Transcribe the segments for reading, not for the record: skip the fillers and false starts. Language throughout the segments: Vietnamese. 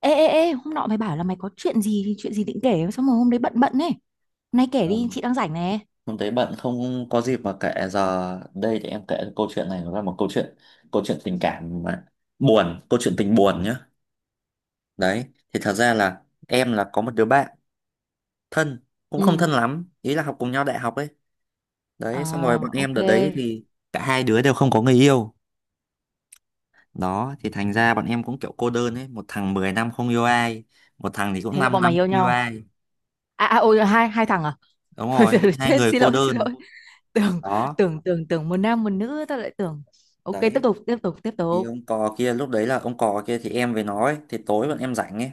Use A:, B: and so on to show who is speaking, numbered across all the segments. A: Ê, ê, ê, hôm nọ mày bảo là mày có chuyện gì định kể, xong rồi hôm đấy bận bận ấy. Hôm nay kể
B: Ờ,
A: đi, chị đang rảnh nè.
B: hôm đấy bạn không có dịp mà kể giờ đây thì em kể câu chuyện này, nó là một câu chuyện tình cảm mà buồn, câu chuyện tình buồn nhá, đấy. Thì thật ra là em là có một đứa bạn thân, cũng không
A: Ừ,
B: thân lắm, ý là học cùng nhau đại học ấy, đấy. Xong rồi bọn
A: à,
B: em
A: ok.
B: đợt đấy thì cả hai đứa đều không có người yêu, đó. Thì thành ra bọn em cũng kiểu cô đơn ấy, một thằng 10 năm không yêu ai, một thằng thì cũng
A: Thế là
B: 5
A: bọn mày
B: năm
A: yêu
B: không yêu
A: nhau.
B: ai.
A: À, à ôi, hai thằng à?
B: Đúng
A: Thôi,
B: rồi,
A: giờ
B: hai
A: chết,
B: người
A: xin
B: cô
A: lỗi, xin
B: đơn.
A: lỗi. Tưởng,
B: Đó,
A: tưởng một nam một nữ, tao lại tưởng. Ok, tiếp
B: đấy
A: tục, tiếp tục, tiếp
B: thì
A: tục.
B: ông cò kia, lúc đấy là ông cò kia thì em với nó ấy, thì tối bọn em rảnh ấy,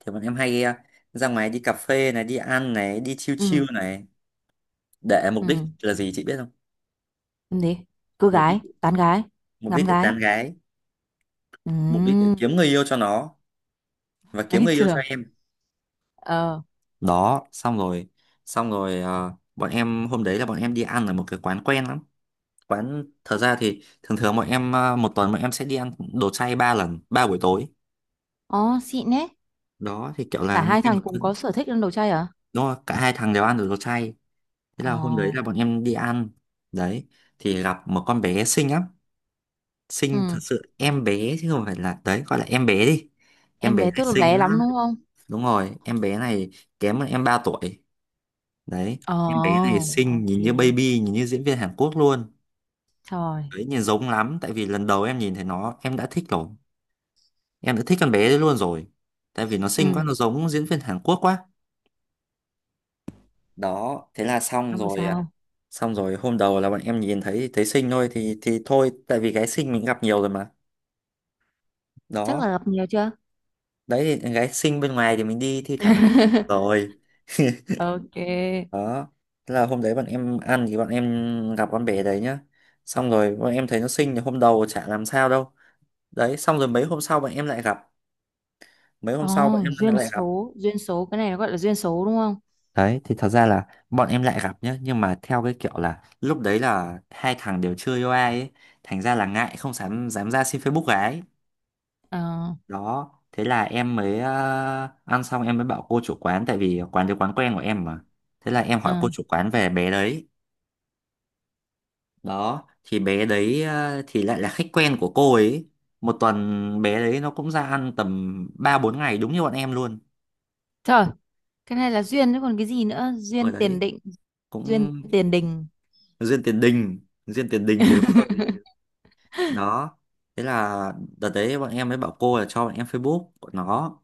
B: thì bọn em hay ra ngoài đi cà phê này, đi ăn này, đi chill
A: Ừ,
B: chill này, để mục đích
A: ừ,
B: là gì chị biết không?
A: làm gì? Cưa
B: mục đích
A: gái, tán gái,
B: Mục
A: ngắm
B: đích để
A: gái.
B: tán gái,
A: Ừ,
B: mục đích để kiếm người yêu cho nó và kiếm
A: ấy
B: người yêu cho
A: trường.
B: em.
A: Ờ.
B: Đó, xong rồi, bọn em hôm đấy là bọn em đi ăn ở một cái quán quen lắm. Quán, thật ra thì thường thường bọn em một tuần bọn em sẽ đi ăn đồ chay ba lần, ba buổi tối.
A: Ồ, xịn ấy.
B: Đó thì kiểu
A: Cả
B: là
A: hai thằng cùng có sở thích ăn đồ chay à?
B: đúng rồi, cả hai thằng đều ăn được đồ chay. Thế
A: Ờ,
B: là hôm đấy là bọn em đi ăn, đấy, thì gặp một con bé xinh lắm. Xinh thật
A: ừ.
B: sự, em bé chứ không phải là, đấy gọi là em bé đi, em
A: Em
B: bé
A: bé
B: này
A: tức là
B: xinh
A: bé
B: lắm.
A: lắm đúng không?
B: Đúng rồi, em bé này kém hơn em 3 tuổi, đấy. Em bé này
A: Ồ,
B: xinh,
A: ok.
B: nhìn như baby, nhìn như diễn viên Hàn Quốc luôn,
A: Rồi.
B: đấy, nhìn giống lắm. Tại vì lần đầu em nhìn thấy nó em đã thích rồi, em đã thích con bé đấy luôn rồi, tại vì nó xinh quá,
A: Ừ,
B: nó giống diễn viên Hàn Quốc quá. Đó, thế là xong
A: không được
B: rồi,
A: sao.
B: xong rồi hôm đầu là bọn em nhìn thấy, thấy xinh thôi thì thôi, tại vì gái xinh mình gặp nhiều rồi mà,
A: Chắc là
B: đó.
A: gặp nhiều chưa?
B: Đấy thì gái xinh bên ngoài thì mình đi thi thoảng rồi.
A: Ok.
B: Đó, thế là hôm đấy bọn em ăn thì bọn em gặp con bé đấy nhá, xong rồi bọn em thấy nó xinh thì hôm đầu chả làm sao đâu, đấy. Xong rồi mấy hôm sau bọn em lại gặp, mấy
A: Ồ,
B: hôm sau bọn em
A: duyên
B: lại gặp,
A: số. Duyên số. Cái này nó gọi là duyên số đúng không?
B: đấy. Thì thật ra là bọn em lại gặp nhá, nhưng mà theo cái kiểu là lúc đấy là hai thằng đều chưa yêu ai ấy, thành ra là ngại không dám dám ra xin Facebook gái.
A: Ờ,
B: Đó, thế là em mới ăn xong em mới bảo cô chủ quán, tại vì quán đấy quán quen của em mà. Thế là em hỏi
A: ờ.
B: cô chủ quán về bé đấy. Đó thì bé đấy thì lại là khách quen của cô ấy. Một tuần bé đấy nó cũng ra ăn tầm ba bốn ngày đúng như bọn em luôn.
A: Trời, cái này là duyên chứ còn cái gì nữa?
B: Ở
A: Duyên tiền
B: đấy
A: định. Duyên
B: cũng
A: tiền đình.
B: duyên tiền đình, duyên tiền đình thì đúng hơn. Đó, thế là đợt đấy bọn em mới bảo cô là cho bọn em Facebook của nó,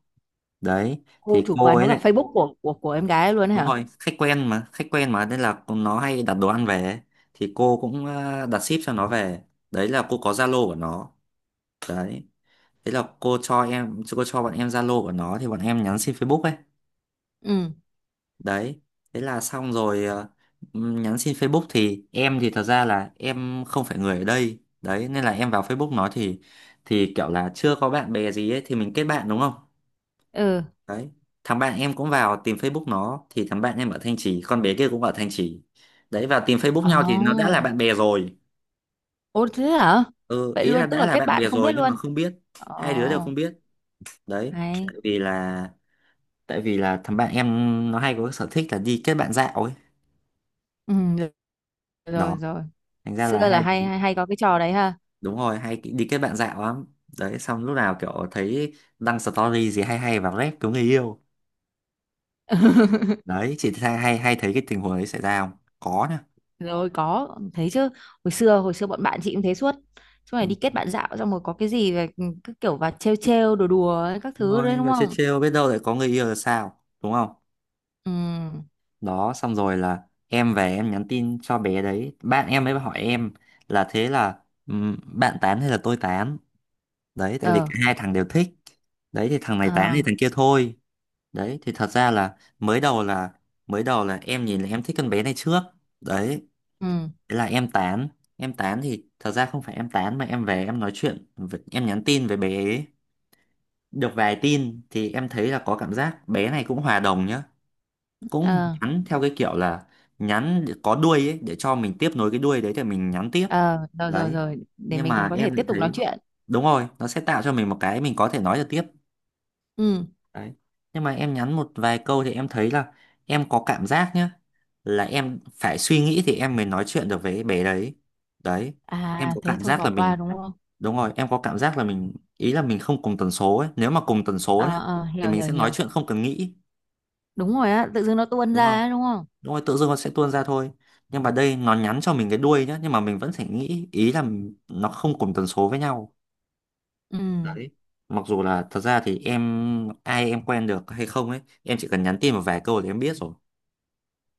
B: đấy,
A: Cô
B: thì
A: chủ
B: cô
A: quán có
B: ấy
A: cả
B: lại.
A: Facebook của em gái luôn ấy
B: Đúng
A: hả?
B: rồi, khách quen mà, khách quen mà, nên là nó hay đặt đồ ăn về ấy. Thì cô cũng đặt ship cho nó về. Đấy là cô có Zalo của nó. Đấy. Thế là cô cho bọn em Zalo của nó, thì bọn em nhắn xin Facebook ấy.
A: Ừ.
B: Đấy. Thế là xong rồi, nhắn xin Facebook, thì em, thì thật ra là em không phải người ở đây. Đấy nên là em vào Facebook nó thì kiểu là chưa có bạn bè gì ấy, thì mình kết bạn đúng không?
A: Ừ.
B: Đấy. Thằng bạn em cũng vào tìm Facebook nó, thì thằng bạn em ở Thanh Trì, con bé kia cũng ở Thanh Trì, đấy. Vào tìm Facebook
A: Ồ.
B: nhau thì nó đã là bạn bè rồi.
A: Ồ, thế hả?
B: Ừ,
A: Vậy
B: ý là
A: luôn, tức
B: đã
A: là
B: là
A: kết
B: bạn
A: bạn
B: bè
A: không biết
B: rồi nhưng mà
A: luôn.
B: không biết, hai đứa đều
A: Ồ,
B: không biết, đấy. Tại
A: hay.
B: vì là, thằng bạn em nó hay có cái sở thích là đi kết bạn dạo ấy.
A: Ừ, rồi
B: Đó,
A: rồi, rồi.
B: thành ra
A: Xưa
B: là
A: là
B: hai
A: hay
B: đứa,
A: hay hay có cái trò đấy ha.
B: đúng rồi, hay đi kết bạn dạo lắm. Đấy, xong lúc nào kiểu thấy đăng story gì hay hay vào rep cứu người yêu. Đấy, chị hay hay hay thấy cái tình huống đấy xảy ra không? Có nhá.
A: Rồi, có thấy chứ. Hồi xưa hồi xưa bọn bạn chị cũng thế suốt, suốt ngày đi
B: Ừ.
A: kết bạn dạo xong rồi có cái gì về cứ kiểu vào trêu trêu đùa đùa ấy, các thứ đấy
B: Thôi,
A: đúng
B: và chill
A: không?
B: chill biết đâu lại có người yêu là sao, đúng không?
A: Ừ,
B: Đó, xong rồi là em về em nhắn tin cho bé đấy, bạn em mới hỏi em là thế là, bạn tán hay là tôi tán? Đấy, tại vì
A: ờ,
B: cả hai thằng đều thích. Đấy thì thằng này tán thì
A: ờ.
B: thằng kia thôi. Đấy thì thật ra là mới đầu là, em nhìn là em thích con bé này trước. Đấy,
A: Ừ,
B: thế là em tán. Em tán, thì thật ra không phải em tán mà em về em nói chuyện, với- em nhắn tin với bé ấy. Được vài tin thì em thấy là có cảm giác bé này cũng hòa đồng nhá, cũng
A: ờ,
B: nhắn theo cái kiểu là nhắn để có đuôi ấy, để cho mình tiếp nối cái đuôi đấy thì mình nhắn tiếp,
A: ờ. Rồi, rồi,
B: đấy.
A: rồi để
B: Nhưng
A: mình còn
B: mà
A: có thể
B: em lại
A: tiếp tục
B: thấy,
A: nói chuyện.
B: đúng rồi, nó sẽ tạo cho mình một cái mình có thể nói được tiếp,
A: Ừ.
B: đấy. Nhưng mà em nhắn một vài câu thì em thấy là, em có cảm giác nhá, là em phải suy nghĩ thì em mới nói chuyện được với bé đấy, đấy.
A: À,
B: Em có
A: thế
B: cảm
A: thôi
B: giác là
A: bỏ qua
B: mình,
A: đúng không?
B: đúng rồi, em có cảm giác là mình ý là mình không cùng tần số ấy. Nếu mà cùng tần số
A: Ờ,
B: nhá
A: ờ,
B: thì
A: hiểu,
B: mình
A: hiểu,
B: sẽ nói
A: hiểu.
B: chuyện không cần nghĩ,
A: Đúng rồi á, tự dưng nó tuôn
B: đúng không?
A: ra ấy, đúng không?
B: Đúng rồi, tự dưng nó sẽ tuôn ra thôi. Nhưng mà đây nó nhắn cho mình cái đuôi nhá, nhưng mà mình vẫn phải nghĩ, ý là nó không cùng tần số với nhau,
A: Ừ,
B: đấy. Mặc dù là thật ra thì em ai em quen được hay không ấy, em chỉ cần nhắn tin một vài câu thì em biết rồi.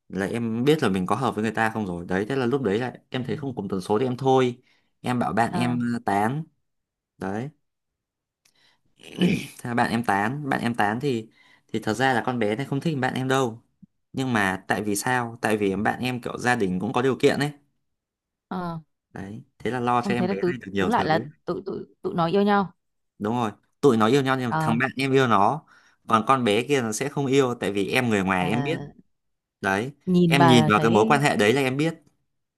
B: Là em biết là mình có hợp với người ta không rồi. Đấy, thế là lúc đấy là em thấy không cùng tần số thì em thôi. Em bảo bạn
A: ờ,
B: em tán. Đấy. Thế là bạn em tán, bạn em tán, thì thật ra là con bé này không thích bạn em đâu. Nhưng mà tại vì sao? Tại vì bạn em kiểu gia đình cũng có điều kiện ấy,
A: ờ.
B: đấy. Thế là lo cho
A: Không,
B: em
A: thế là
B: bé
A: tụi
B: này được nhiều
A: đúng lại
B: thứ.
A: là tụi tụi tụi nó yêu nhau.
B: Đúng rồi, tụi nó yêu nhau, nhưng mà thằng
A: Ờ,
B: bạn em yêu nó, còn con bé kia nó sẽ không yêu, tại vì em người
A: ờ,
B: ngoài em biết, đấy.
A: nhìn
B: Em nhìn
A: bà
B: vào cái mối quan
A: thấy.
B: hệ đấy là em biết.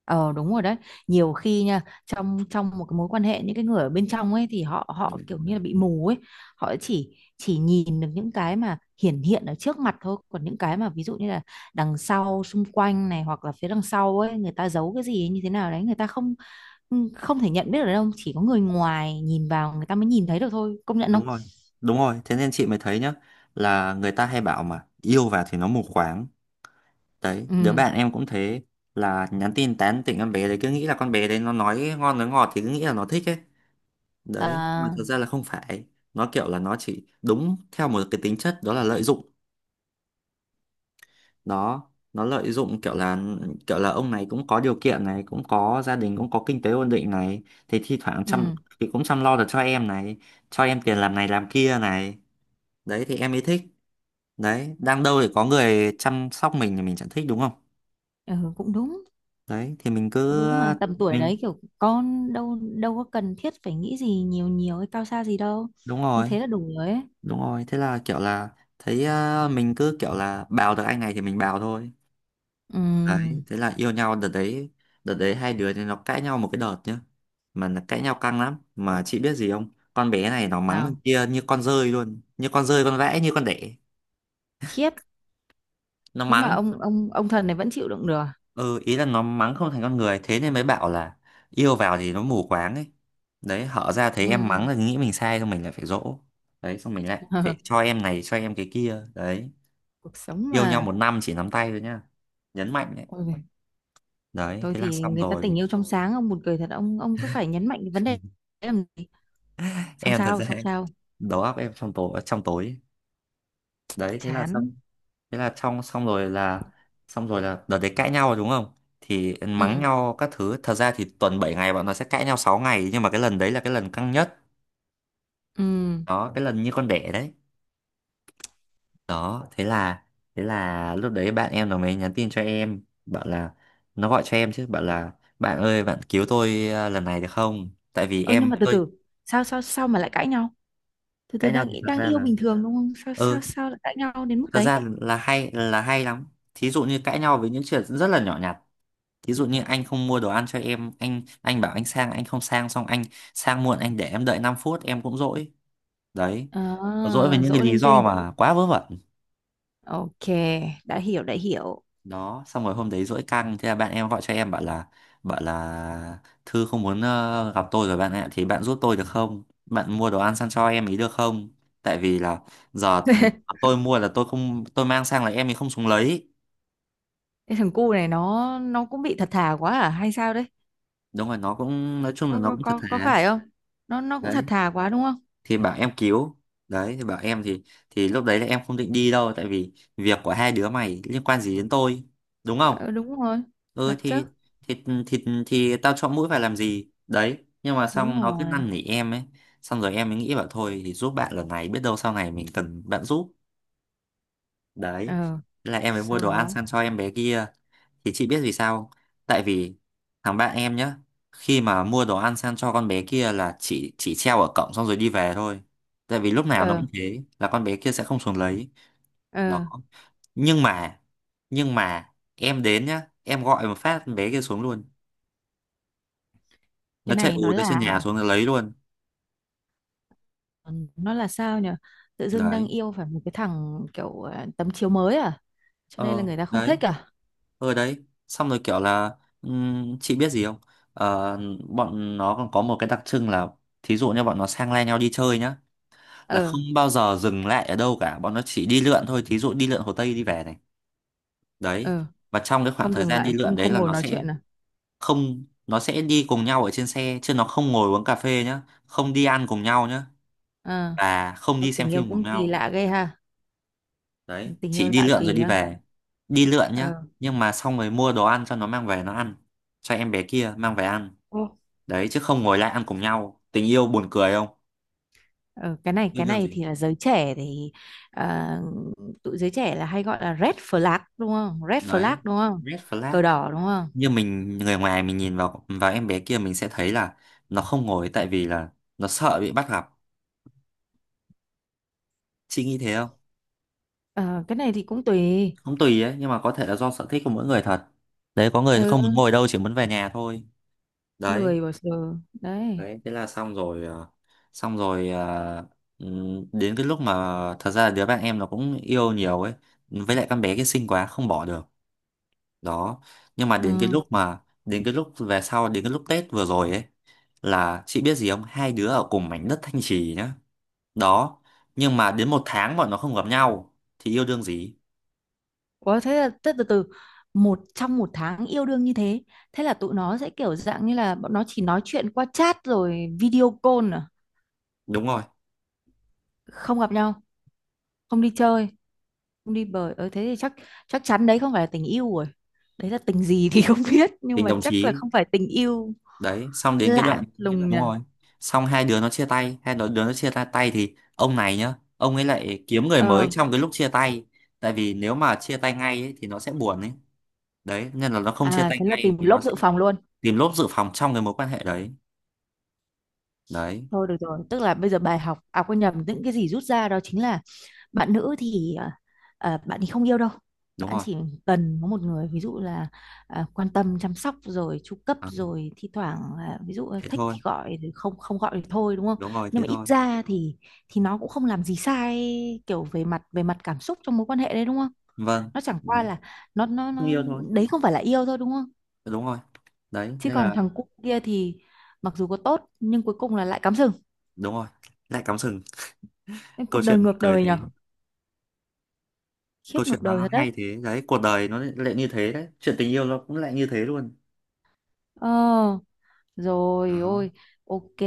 A: Ờ, đúng rồi đấy. Nhiều khi nha, trong trong một cái mối quan hệ, những cái người ở bên trong ấy thì họ họ kiểu như là bị mù ấy, họ chỉ nhìn được những cái mà hiển hiện ở trước mặt thôi, còn những cái mà ví dụ như là đằng sau xung quanh này hoặc là phía đằng sau ấy người ta giấu cái gì ấy, như thế nào đấy người ta không không thể nhận biết được đâu, chỉ có người ngoài nhìn vào người ta mới nhìn thấy được thôi, công nhận không?
B: Đúng rồi, thế nên chị mới thấy nhá, là người ta hay bảo mà yêu vào thì nó mù quáng, đấy. Đứa
A: Ừ,
B: bạn em cũng thế, là nhắn tin tán tỉnh con bé đấy, cứ nghĩ là con bé đấy nó nói ngon nói ngọt thì cứ nghĩ là nó thích ấy, đấy. Nhưng mà
A: à,
B: thật ra là không phải, nó kiểu là nó chỉ đúng theo một cái tính chất đó là lợi dụng. Đó, nó lợi dụng kiểu là, ông này cũng có điều kiện này, cũng có gia đình, cũng có kinh tế ổn định này, thì thi thoảng chăm,
A: ừ,
B: thì cũng chăm lo được cho em này, cho em tiền làm này làm kia này, đấy. Thì em mới thích, đấy. Đang đâu để có người chăm sóc mình thì mình chẳng thích, đúng không?
A: ừ cũng đúng.
B: Đấy thì mình cứ
A: Đúng mà tầm tuổi
B: mình,
A: đấy kiểu con đâu đâu có cần thiết phải nghĩ gì nhiều nhiều hay cao xa gì đâu,
B: đúng
A: như
B: rồi.
A: thế là đủ rồi ấy.
B: Đúng rồi, thế là kiểu là thấy, mình cứ kiểu là bào được anh này thì mình bào thôi, đấy.
A: Ừm,
B: Thế là yêu nhau đợt đấy. Đợt đấy hai đứa thì nó cãi nhau một cái đợt nhá, mà nó cãi nhau căng lắm. Mà chị biết gì không, con bé này nó mắng thằng
A: nào,
B: kia như con dơi luôn, như con dơi con vẽ như con đẻ,
A: khiếp,
B: nó
A: thế mà
B: mắng.
A: ông thần này vẫn chịu đựng được à?
B: Ừ, ý là nó mắng không thành con người, thế nên mới bảo là yêu vào thì nó mù quáng ấy, đấy. Hở ra thấy em mắng
A: Ừm,
B: là nghĩ mình sai, xong mình lại phải dỗ, đấy. Xong mình lại phải cho em này cho em cái kia, đấy.
A: cuộc sống
B: Yêu nhau
A: mà.
B: một năm chỉ nắm tay thôi nhá, nhấn mạnh đấy.
A: Ôi, giời,
B: Đấy,
A: tôi
B: thế là
A: thì
B: xong
A: người ta
B: rồi.
A: tình yêu trong sáng ông buồn cười thật, ông cứ phải nhấn mạnh cái vấn đề đấy làm gì, xong
B: Em thật
A: sao
B: ra
A: xong sao.
B: đầu óc em trong tối, trong tối, đấy. Thế là xong.
A: Chán.
B: Thế là xong xong rồi là xong rồi là đợt đấy cãi nhau rồi, đúng không? Thì mắng
A: Ừ,
B: nhau các thứ. Thật ra thì tuần 7 ngày bọn nó sẽ cãi nhau 6 ngày, nhưng mà cái lần đấy là cái lần căng nhất.
A: ừ.
B: Đó, cái lần như con đẻ đấy. Đó thế là lúc đấy bạn em nó mới nhắn tin cho em, bảo là, nó gọi cho em chứ, bảo là: bạn ơi, bạn cứu tôi à, lần này được không, tại vì
A: Ơ nhưng
B: em
A: mà từ
B: tôi.
A: từ, sao sao sao mà lại cãi nhau, từ từ
B: Cãi nhau
A: đang
B: thì thật
A: đang
B: ra
A: yêu
B: là,
A: bình thường đúng không, sao sao
B: ừ,
A: sao lại cãi nhau đến mức
B: thật
A: đấy?
B: ra là hay lắm. Thí dụ như cãi nhau với những chuyện rất là nhỏ nhặt. Thí dụ như anh không mua đồ ăn cho em, anh bảo anh sang, anh không sang, xong anh sang muộn, anh để em đợi 5 phút em cũng dỗi. Đấy. Nó dỗi với
A: À,
B: những cái
A: dỗ
B: lý
A: linh
B: do
A: tinh.
B: mà quá vớ vẩn.
A: Ok, đã hiểu, đã hiểu.
B: Đó xong rồi hôm đấy dỗi căng, thế là bạn em gọi cho em bảo là, bảo là Thư không muốn, gặp tôi rồi bạn ạ, thì bạn giúp tôi được không, bạn mua đồ ăn sang cho em ý được không, tại vì là giờ tôi mua là tôi không, tôi mang sang là em ấy không xuống lấy.
A: Cái thằng cu này nó cũng bị thật thà quá à hay sao đấy?
B: Đúng rồi, nó cũng nói chung là nó cũng thật
A: Có
B: thà.
A: phải không? Nó cũng thật
B: Đấy
A: thà quá đúng không?
B: thì bảo em cứu. Đấy thì bảo em thì lúc đấy là em không định đi đâu, tại vì việc của hai đứa mày liên quan gì đến tôi, đúng không?
A: Ờ, đúng rồi.
B: Ừ
A: Thật chứ.
B: thì tao chọn mũi phải làm gì đấy, nhưng mà
A: Đúng
B: xong nó cứ
A: rồi.
B: năn nỉ em ấy. Xong rồi em mới nghĩ, bảo thôi thì giúp bạn lần này, biết đâu sau này mình cần bạn giúp. Đấy.
A: Ờ.
B: Thế là em mới mua
A: Sau
B: đồ ăn
A: đó
B: sang cho em bé kia. Thì chị biết vì sao không? Tại vì thằng bạn em nhá, khi mà mua đồ ăn sang cho con bé kia là chỉ treo ở cổng xong rồi đi về thôi. Tại vì lúc nào nó
A: ờ
B: cũng thế, là con bé kia sẽ không xuống lấy.
A: ờ
B: Đó. Nhưng mà nhưng mà em đến nhá, em gọi một phát con bé kia xuống luôn.
A: cái
B: Nó chạy
A: này
B: ù
A: nó
B: tới, trên
A: là
B: nhà xuống nó lấy luôn.
A: nó là sao nhỉ? Tự dưng đang
B: Đấy.
A: yêu phải một cái thằng kiểu tấm chiếu mới à? Cho nên là
B: Ờ,
A: người ta không
B: đấy.
A: thích à?
B: Ờ đấy. Xong rồi kiểu là, chị biết gì không? Ờ, bọn nó còn có một cái đặc trưng là, thí dụ như bọn nó sang lai nhau đi chơi nhá, là
A: Ờ,
B: không bao giờ dừng lại ở đâu cả, bọn nó chỉ đi lượn thôi, thí dụ đi lượn Hồ Tây đi về này. Đấy.
A: ờ,
B: Và trong cái khoảng
A: không
B: thời
A: dừng
B: gian đi
A: lại,
B: lượn
A: không
B: đấy
A: không
B: là
A: ngồi
B: nó
A: nói
B: sẽ
A: chuyện à?
B: không, nó sẽ đi cùng nhau ở trên xe, chứ nó không ngồi uống cà phê nhá, không đi ăn cùng nhau nhá,
A: Ờ,
B: và không đi xem
A: tình yêu
B: phim cùng
A: cũng kỳ
B: nhau.
A: lạ ghê ha.
B: Đấy
A: Tình
B: chỉ
A: yêu
B: đi
A: lạ
B: lượn rồi
A: kỳ
B: đi
A: á.
B: về. Đi lượn nhá.
A: Ờ,
B: Nhưng mà xong rồi mua đồ ăn cho nó mang về nó ăn, cho em bé kia mang về ăn.
A: ồ,
B: Đấy chứ không ngồi lại ăn cùng nhau. Tình yêu buồn cười không,
A: ờ, cái này
B: yêu
A: cái
B: đương
A: này
B: gì.
A: thì là giới trẻ thì à, tụi giới trẻ là hay gọi là red flag đúng không, red flag
B: Đấy
A: đúng không,
B: red flag.
A: cờ đỏ đúng không?
B: Như mình người ngoài mình nhìn vào vào em bé kia, mình sẽ thấy là nó không ngồi tại vì là nó sợ bị bắt gặp. Chị nghĩ thế không?
A: Ờ, cái này thì cũng tùy.
B: Không, tùy ấy, nhưng mà có thể là do sở thích của mỗi người thật. Đấy, có người không
A: Ừ,
B: muốn ngồi đâu chỉ muốn về nhà thôi. Đấy.
A: lười bỏ giờ đấy.
B: Đấy thế là xong rồi, xong rồi ờ, đến cái lúc mà thật ra là đứa bạn em nó cũng yêu nhiều ấy, với lại con bé kia xinh quá không bỏ được. Đó. Nhưng mà đến cái
A: Ừ.
B: lúc mà đến cái lúc Tết vừa rồi ấy, là chị biết gì không, hai đứa ở cùng mảnh đất Thanh Trì nhá. Đó. Nhưng mà đến một tháng bọn nó không gặp nhau thì yêu đương gì.
A: Ủa thế là thế từ từ, một trong một tháng yêu đương như thế, thế là tụi nó sẽ kiểu dạng như là bọn nó chỉ nói chuyện qua chat rồi video call à,
B: Đúng rồi,
A: không gặp nhau, không đi chơi, không đi bời thế thì chắc, chắc chắn đấy không phải là tình yêu rồi, đấy là tình gì thì không biết nhưng
B: tình
A: mà
B: đồng
A: chắc là
B: chí.
A: không phải tình yêu.
B: Đấy xong
A: Lạ
B: đến
A: như
B: cái
A: là
B: đoạn,
A: lùng nhỉ.
B: đúng rồi, xong hai đứa nó chia tay, hai đứa, đứa nó chia tay tay thì ông này nhá, ông ấy lại kiếm người mới
A: Ờ.
B: trong cái lúc chia tay. Tại vì nếu mà chia tay ngay ấy, thì nó sẽ buồn ấy. Đấy nên là nó không chia
A: À,
B: tay
A: thế là
B: ngay
A: tìm
B: thì nó
A: lốp
B: sẽ
A: dự phòng luôn.
B: tìm lốp dự phòng trong cái mối quan hệ đấy. Đấy
A: Thôi được rồi, tức là bây giờ bài học, à quên nhầm, những cái gì rút ra đó chính là bạn nữ thì bạn thì không yêu đâu,
B: đúng
A: bạn
B: rồi.
A: chỉ cần có một người, ví dụ là quan tâm chăm sóc rồi chu cấp
B: À,
A: rồi thi thoảng là ví dụ là
B: thế
A: thích
B: thôi.
A: thì gọi rồi không không gọi thì thôi đúng không?
B: Đúng rồi,
A: Nhưng
B: thế
A: mà ít
B: thôi.
A: ra thì nó cũng không làm gì sai, kiểu về mặt cảm xúc trong mối quan hệ đấy đúng không?
B: Vâng.
A: Nó chẳng qua
B: Đấy.
A: là, nó nó
B: Không
A: nó
B: yêu thôi.
A: đấy không phải là yêu thôi đúng không?
B: Đúng rồi, đấy
A: Chứ
B: nên
A: còn
B: là,
A: thằng cu kia thì mặc dù có tốt nhưng cuối cùng là lại cắm sừng.
B: đúng rồi, lại cắm sừng.
A: Nên
B: Câu
A: cuộc đời
B: chuyện buồn
A: ngược
B: cười
A: đời
B: thế.
A: nhở,
B: Câu
A: khiếp,
B: chuyện
A: ngược đời
B: nó
A: thật đấy.
B: hay thế đấy, cuộc đời nó lại như thế đấy, chuyện tình yêu nó cũng lại như thế luôn.
A: Ờ. Rồi
B: Đó.
A: ôi, ok,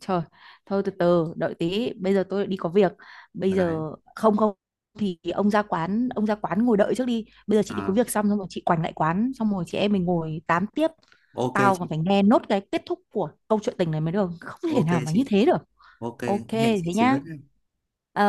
A: trời, thôi từ từ, đợi tí, bây giờ tôi đi có việc. Bây
B: Ở đấy.
A: giờ không, không thì ông ra quán ngồi đợi trước đi. Bây giờ chị đi có
B: À,
A: việc xong xong rồi chị quành lại quán, xong rồi chị em mình ngồi tám tiếp.
B: ok
A: Tao
B: chị.
A: còn phải nghe nốt cái kết thúc của câu chuyện tình này mới được, không thể
B: Ok
A: nào mà
B: chị.
A: như thế được.
B: Ok.
A: Ok,
B: Hẹn chị
A: thế
B: xíu nữa.
A: nhá. Ờ.